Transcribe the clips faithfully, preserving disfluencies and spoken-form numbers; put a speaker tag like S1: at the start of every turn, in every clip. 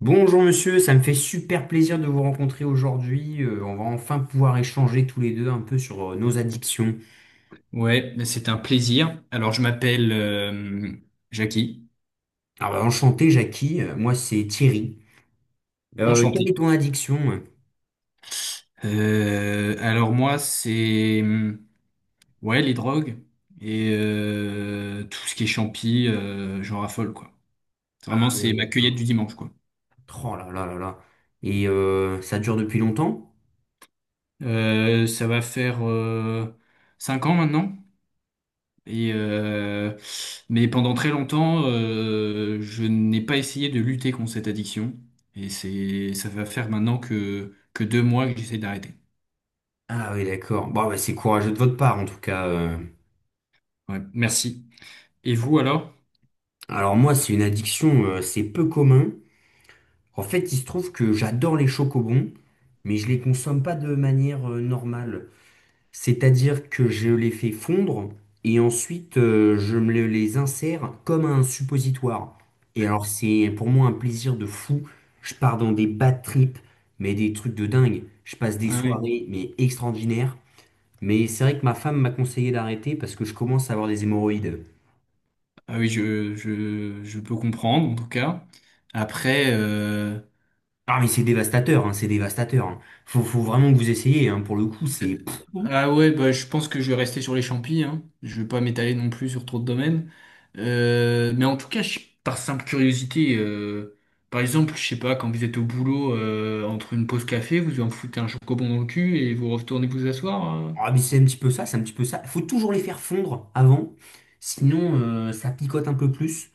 S1: Bonjour monsieur, ça me fait super plaisir de vous rencontrer aujourd'hui. Euh, on va enfin pouvoir échanger tous les deux un peu sur euh, nos addictions.
S2: Ouais, mais c'est un plaisir. Alors, je m'appelle euh, Jackie,
S1: Alors bah, enchanté Jackie. Euh, moi c'est Thierry. Euh, quelle
S2: enchanté.
S1: est ton addiction?
S2: Euh, alors moi, c'est hum, ouais les drogues et euh, tout ce qui est champi, euh, j'en raffole quoi.
S1: Ah
S2: Vraiment, c'est
S1: oui,
S2: ma cueillette du
S1: d'accord.
S2: dimanche quoi.
S1: Oh là là là là. Et euh, ça dure depuis longtemps?
S2: Euh, ça va faire euh, cinq ans maintenant. Et euh, mais pendant très longtemps, euh, je n'ai pas essayé de lutter contre cette addiction. Et c'est ça va faire maintenant que que deux mois que j'essaie d'arrêter.
S1: Ah oui, d'accord. Bon bah, c'est courageux de votre part en tout cas. euh.
S2: Ouais, merci. Et vous alors?
S1: Alors moi c'est une addiction, euh, c'est peu commun. En fait il se trouve que j'adore les chocobons, mais je les consomme pas de manière euh, normale. C'est-à-dire que je les fais fondre et ensuite, euh, je me le- les insère comme un suppositoire. Et alors c'est pour moi un plaisir de fou. Je pars dans des bad trips, mais des trucs de dingue. Je passe des
S2: Ah oui,
S1: soirées mais extraordinaires. Mais c'est vrai que ma femme m'a conseillé d'arrêter parce que je commence à avoir des hémorroïdes.
S2: ah oui, je, je, je peux comprendre en tout cas. Après, euh...
S1: Ah mais c'est dévastateur, hein, c'est dévastateur, hein. Faut, faut vraiment que vous essayiez, hein, pour le coup, c'est...
S2: euh, ah ouais, bah, je pense que je vais rester sur les champis, hein. Je vais pas m'étaler non plus sur trop de domaines. Euh, mais en tout cas, je- par simple curiosité, euh, par exemple, je sais pas, quand vous êtes au boulot euh, entre une pause café, vous en foutez un chocobon dans le cul et vous retournez vous asseoir, hein.
S1: Ah, mais c'est un petit peu ça, c'est un petit peu ça. Il faut toujours les faire fondre avant, sinon euh, ça picote un peu plus.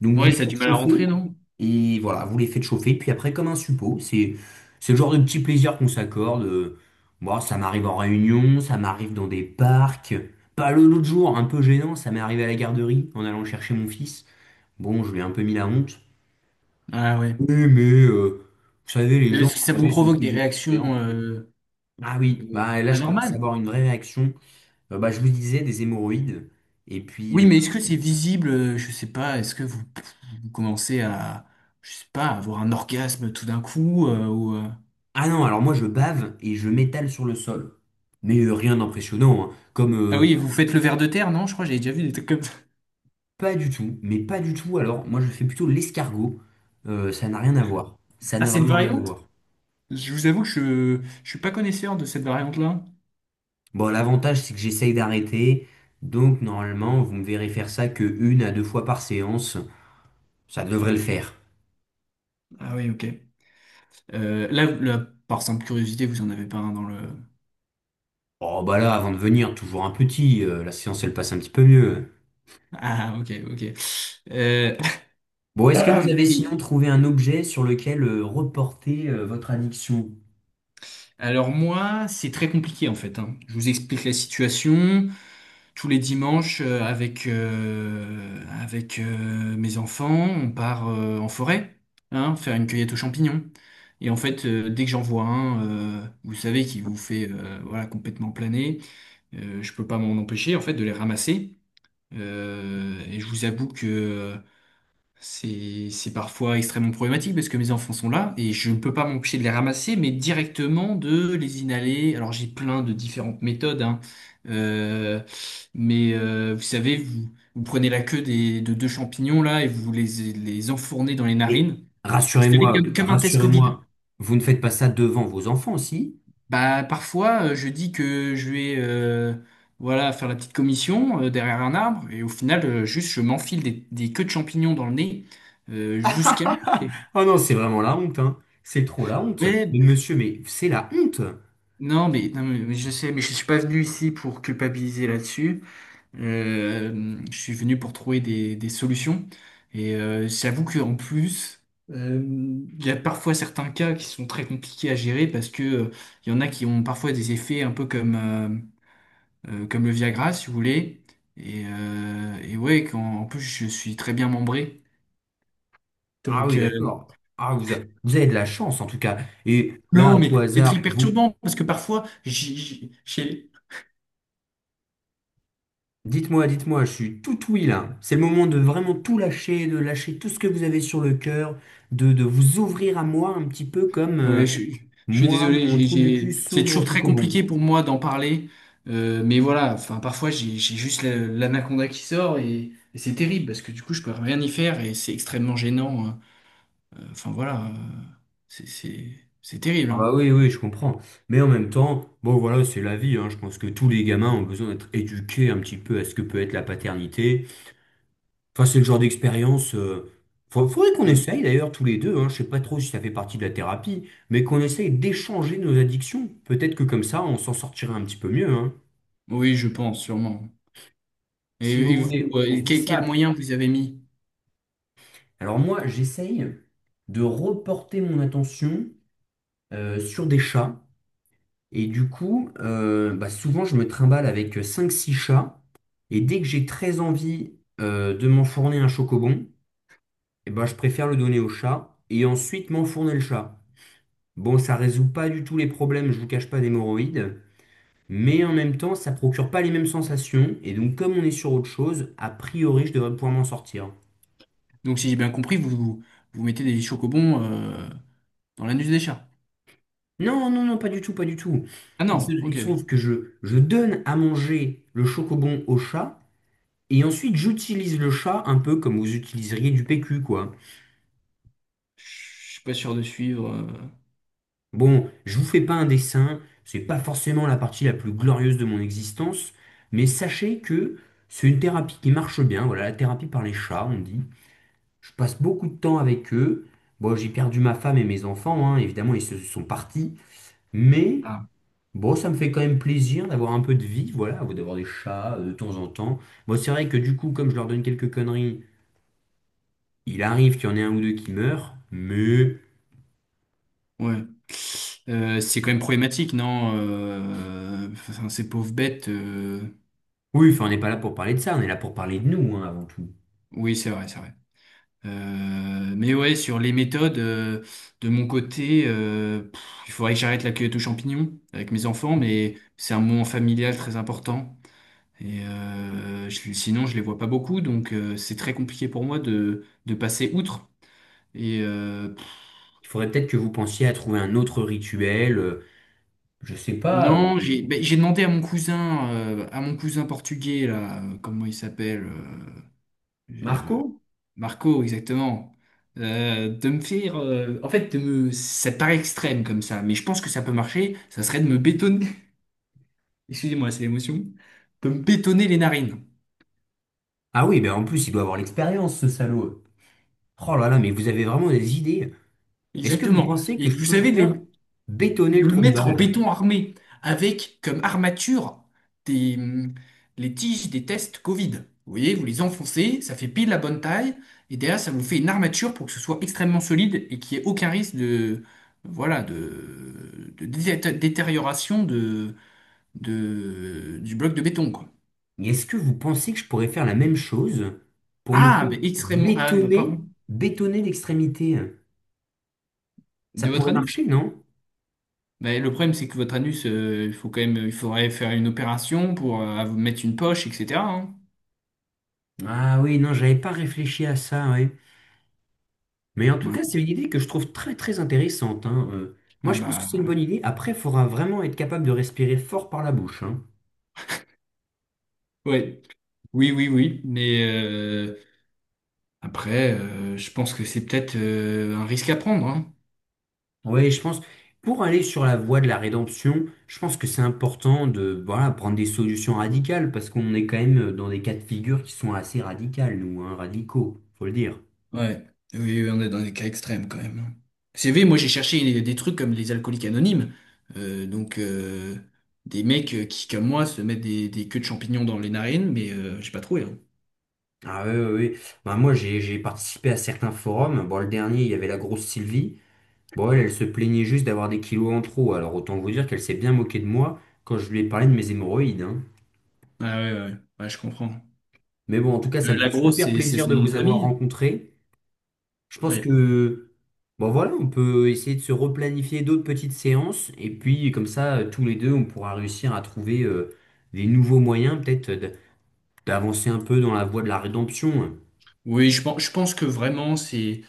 S1: Donc vous
S2: Ouais,
S1: les
S2: ça a
S1: faites
S2: du mal à rentrer,
S1: chauffer,
S2: non?
S1: et voilà, vous les faites chauffer, puis après comme un suppôt, c'est c'est le genre de petit plaisir qu'on s'accorde. euh, Moi, ça m'arrive en réunion, ça m'arrive dans des parcs. Pas le- L'autre jour, un peu gênant, ça m'est arrivé à la garderie en allant chercher mon fils. Bon, je lui ai un peu mis la honte.
S2: Ah ouais.
S1: Oui, mais euh, vous savez, les
S2: Mais
S1: gens,
S2: parce que ça vous
S1: aujourd'hui, sont de
S2: provoque des
S1: plus en plus
S2: réactions
S1: tolérants.
S2: euh,
S1: Ah oui,
S2: euh,
S1: bah là, je commence à
S2: anormales.
S1: avoir une vraie réaction. Euh, bah, je vous disais des hémorroïdes. Et puis,
S2: Oui,
S1: euh,
S2: mais est-ce que c'est visible? euh, Je sais pas. Est-ce que vous, vous commencez à, je sais pas, à avoir un orgasme tout d'un coup euh, ou, euh,
S1: ah non, alors moi je bave et je m'étale sur le sol. Mais euh, rien d'impressionnant, hein. Comme
S2: ah
S1: euh,
S2: oui, vous faites le ver de terre, non? Je crois que j'avais déjà vu des trucs comme ça.
S1: pas du tout, mais pas du tout. Alors moi je fais plutôt l'escargot. Euh, ça n'a rien à voir. Ça
S2: Ah,
S1: n'a
S2: c'est une
S1: vraiment rien à
S2: variante?
S1: voir.
S2: Je vous avoue que je, je suis pas connaisseur de cette variante-là.
S1: Bon, l'avantage c'est que j'essaye d'arrêter. Donc normalement, vous me verrez faire ça que une à deux fois par séance. Ça devrait le faire.
S2: Ah oui, ok. Euh, là, là, par simple curiosité, vous en avez pas un dans le.
S1: Oh bah là, avant de venir, toujours un petit. Euh, la séance elle passe un petit peu mieux.
S2: Ah, ok, ok. Euh,
S1: Bon, est-ce que vous avez sinon trouvé un objet sur lequel euh, reporter euh, votre addiction?
S2: Alors moi, c'est très compliqué en fait, hein. Je vous explique la situation. Tous les dimanches, euh, avec, euh, avec euh, mes enfants, on part euh, en forêt, hein, faire une cueillette aux champignons. Et en fait, euh, dès que j'en vois un, euh, vous savez, qui vous fait euh, voilà, complètement planer, euh, je peux pas m'en empêcher en fait de les ramasser. Euh, et je vous avoue que c'est, c'est parfois extrêmement problématique parce que mes enfants sont là et je ne peux pas m'empêcher de les ramasser, mais directement de les inhaler. Alors j'ai plein de différentes méthodes, hein. Euh, mais euh, vous savez, vous, vous prenez la queue des, de deux champignons là et vous les, les enfournez dans les
S1: Mais
S2: narines. Vous savez,
S1: rassurez-moi,
S2: comme, comme un test Covid.
S1: rassurez-moi, vous ne faites pas ça devant vos enfants aussi?
S2: Bah parfois euh, je dis que je vais euh, voilà faire la petite commission euh, derrière un arbre et au final euh, juste je m'enfile des, des queues de champignons dans le nez euh, jusqu'à
S1: Oh non, c'est vraiment la honte, hein. C'est trop la honte.
S2: ouais,
S1: Mais monsieur, mais c'est la honte.
S2: non, mais, non, mais mais je sais, mais je suis pas venu ici pour culpabiliser là-dessus. Euh, je suis venu pour trouver des, des solutions. Et euh, j'avoue qu'en plus, euh, il y a parfois certains cas qui sont très compliqués à gérer parce que euh, il y en a qui ont parfois des effets un peu comme, euh, euh, comme le Viagra, si vous voulez. Et, euh, et ouais, quand, en plus, je suis très bien membré.
S1: Ah
S2: Donc,
S1: oui,
S2: euh,
S1: d'accord. Ah, vous, a- vous avez de la chance en tout cas. Et là,
S2: non,
S1: à tout
S2: mais c'est très
S1: hasard, vous...
S2: perturbant parce que parfois, j'ai... j'ai- j'ai-
S1: Dites-moi, dites-moi, je suis tout oui là. C'est le moment de vraiment tout lâcher, de lâcher tout ce que vous avez sur le cœur, de, de vous ouvrir à moi un petit peu comme...
S2: ouais,
S1: euh,
S2: ouais, je, suis je suis
S1: Moi,
S2: désolé,
S1: mon
S2: j'ai,
S1: trou du cul
S2: j'ai- c'est
S1: s'ouvre
S2: toujours
S1: au
S2: très
S1: chocobon.
S2: compliqué pour moi d'en parler, euh, mais voilà, enfin parfois j'ai j'ai juste la- l'anaconda qui sort et, et c'est terrible parce que du coup je peux rien y faire et c'est extrêmement gênant, hein. euh, Enfin voilà, euh, c'est c'est c'est terrible,
S1: Ah
S2: hein.
S1: bah oui, oui, je comprends. Mais en même temps, bon voilà, c'est la vie, hein. Je pense que tous les gamins ont besoin d'être éduqués un petit peu à ce que peut être la paternité. Enfin, c'est le genre d'expérience. euh, fa- Faudrait qu'on
S2: Euh,
S1: essaye d'ailleurs tous les deux, hein. Je sais pas trop si ça fait partie de la thérapie, mais qu'on essaye d'échanger nos addictions. Peut-être que comme ça, on s'en sortirait un petit peu mieux, hein.
S2: Oui, je pense sûrement. Et,
S1: Si
S2: et
S1: vous
S2: vous,
S1: voulez,
S2: euh,
S1: on se
S2: et
S1: dit
S2: quel, quel
S1: ça.
S2: moyen vous avez mis?
S1: Alors moi, j'essaye de reporter mon attention euh, sur des chats. Et du coup, euh, bah, souvent, je me trimballe avec euh, cinq, six chats. Et dès que j'ai très envie euh, de m'enfourner un chocobon, eh ben, je préfère le donner au chat et ensuite m'enfourner le chat. Bon, ça résout pas du tout les problèmes, je vous cache pas, d'hémorroïdes. Mais en même temps, ça procure pas les mêmes sensations. Et donc, comme on est sur autre chose, a priori, je devrais pouvoir m'en sortir.
S2: Donc si j'ai bien compris, vous vous, vous mettez des chocobons euh, dans l'anus des chats.
S1: Non, non, non, pas du tout, pas du tout.
S2: Ah
S1: Il se,
S2: non,
S1: il
S2: ok.
S1: se trouve que je, je donne à manger le chocobon au chat. Et ensuite, j'utilise le chat un peu comme vous utiliseriez du P Q, quoi.
S2: Je suis pas sûr de suivre, euh.
S1: Bon, je vous fais pas un dessin, c'est pas forcément la partie la plus glorieuse de mon existence, mais sachez que c'est une thérapie qui marche bien, voilà, la thérapie par les chats, on dit. Je passe beaucoup de temps avec eux. Bon, j'ai perdu ma femme et mes enfants, hein, évidemment, ils se sont partis, mais
S2: Ah
S1: bon, ça me fait quand même plaisir d'avoir un peu de vie, voilà, d'avoir des chats euh, de temps en temps. Bon, c'est vrai que du coup, comme je leur donne quelques conneries, il arrive qu'il y en ait un ou deux qui meurent, mais.
S2: ouais. Euh, c'est quand même problématique, non? Euh, enfin, ces pauvres bêtes, euh,
S1: Oui, enfin, on n'est pas là pour parler de ça, on est là pour parler de nous, hein, avant tout.
S2: oui, c'est vrai, c'est vrai. Euh, mais ouais, sur les méthodes, euh, de mon côté, euh, pff, il faudrait que j'arrête la cueillette aux champignons avec mes enfants, mais c'est un moment familial très important. Et euh, je- sinon, je les vois pas beaucoup, donc euh, c'est très compliqué pour moi de, de passer outre. Et euh, pff,
S1: Il faudrait peut-être que vous pensiez à trouver un autre rituel, euh, je sais pas, euh,
S2: non, j'ai ben, j'ai demandé à mon cousin, euh, à mon cousin portugais là, euh, comment il s'appelle, euh,
S1: Marco?
S2: Marco, exactement. Euh, de me faire, euh, en fait, de me... ça paraît extrême comme ça, mais je pense que ça peut marcher. Ça serait de me bétonner. Excusez-moi, c'est l'émotion. De me bétonner les narines.
S1: Ah oui, ben en plus, il doit avoir l'expérience, ce salaud. Oh là là, mais vous avez vraiment des idées. Est-ce que vous
S2: Exactement.
S1: pensez que
S2: Et
S1: je
S2: vous
S1: peux me
S2: savez, de
S1: faire
S2: le-
S1: bétonner le
S2: de le
S1: trou de
S2: mettre en
S1: balle?
S2: béton armé avec comme armature des, hum, les tiges des tests Covid. Vous voyez, vous les enfoncez, ça fait pile la bonne taille, et derrière, ça vous fait une armature pour que ce soit extrêmement solide et qu'il n'y ait aucun risque de, voilà, de, de dété- détérioration de, de, du bloc de béton, quoi.
S1: Mais est-ce que vous pensez que je pourrais faire la même chose pour me
S2: Ah,
S1: faire
S2: mais extrêmement. Ah, bah,
S1: bétonner,
S2: pardon.
S1: bétonner l'extrémité? Ça
S2: De votre
S1: pourrait
S2: anus?
S1: marcher, non?
S2: Ben, le problème, c'est que votre anus, euh, il faut quand même, il faudrait faire une opération pour euh, vous mettre une poche, et cetera, hein.
S1: Ah oui, non, j'avais pas réfléchi à ça, ouais. Mais en tout
S2: Ouais.
S1: cas, c'est une idée que je trouve très très intéressante, hein. Euh, moi,
S2: Ah
S1: je pense que c'est une
S2: bah
S1: bonne idée. Après, il faudra vraiment être capable de respirer fort par la bouche, hein.
S2: ouais. Oui, oui, oui. Mais euh, après, euh, je pense que c'est peut-être euh, un risque à prendre, hein.
S1: Ouais, je pense, pour aller sur la voie de la rédemption, je pense que c'est important de voilà, prendre des solutions radicales, parce qu'on est quand même dans des cas de figure qui sont assez radicales, nous, hein, radicaux, faut le dire.
S2: Ouais. Oui, oui, on est dans des cas extrêmes quand même, hein. Vous savez, moi j'ai cherché des trucs comme les alcooliques anonymes. Euh, donc euh, des mecs euh, qui, comme moi, se mettent des, des queues de champignons dans les narines, mais euh, j'ai pas trouvé, hein.
S1: Ah oui, oui, oui. Bah, moi, j'ai j'ai participé à certains forums. Bon, le dernier, il y avait la grosse Sylvie. Bon, elle, elle se plaignait juste d'avoir des kilos en trop. Alors, autant vous dire qu'elle s'est bien moquée de moi quand je lui ai parlé de mes hémorroïdes, hein.
S2: Ah ouais, ouais, ouais, ouais, je comprends.
S1: Mais bon, en tout cas,
S2: Euh,
S1: ça me fait
S2: la grosse,
S1: super
S2: c'est c'est
S1: plaisir
S2: son
S1: de
S2: nom de
S1: vous avoir
S2: famille.
S1: rencontré. Je pense
S2: Oui.
S1: que, bon voilà, on peut essayer de se replanifier d'autres petites séances. Et puis, comme ça, euh, tous les deux, on pourra réussir à trouver euh, des nouveaux moyens, peut-être, euh, d- d'avancer un peu dans la voie de la rédemption.
S2: Oui, je pense, je pense que vraiment, c'est.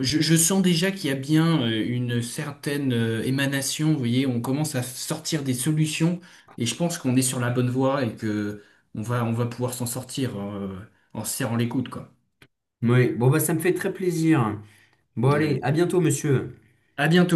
S2: Je, je sens déjà qu'il y a bien euh, une certaine euh, émanation, vous voyez, on commence à sortir des solutions et je pense qu'on est sur la bonne voie et que on va, on va pouvoir s'en sortir euh, en se serrant les coudes, quoi.
S1: Oui, bon, bah, ça me fait très plaisir. Bon, allez,
S2: Ouais.
S1: à bientôt, monsieur.
S2: À bientôt.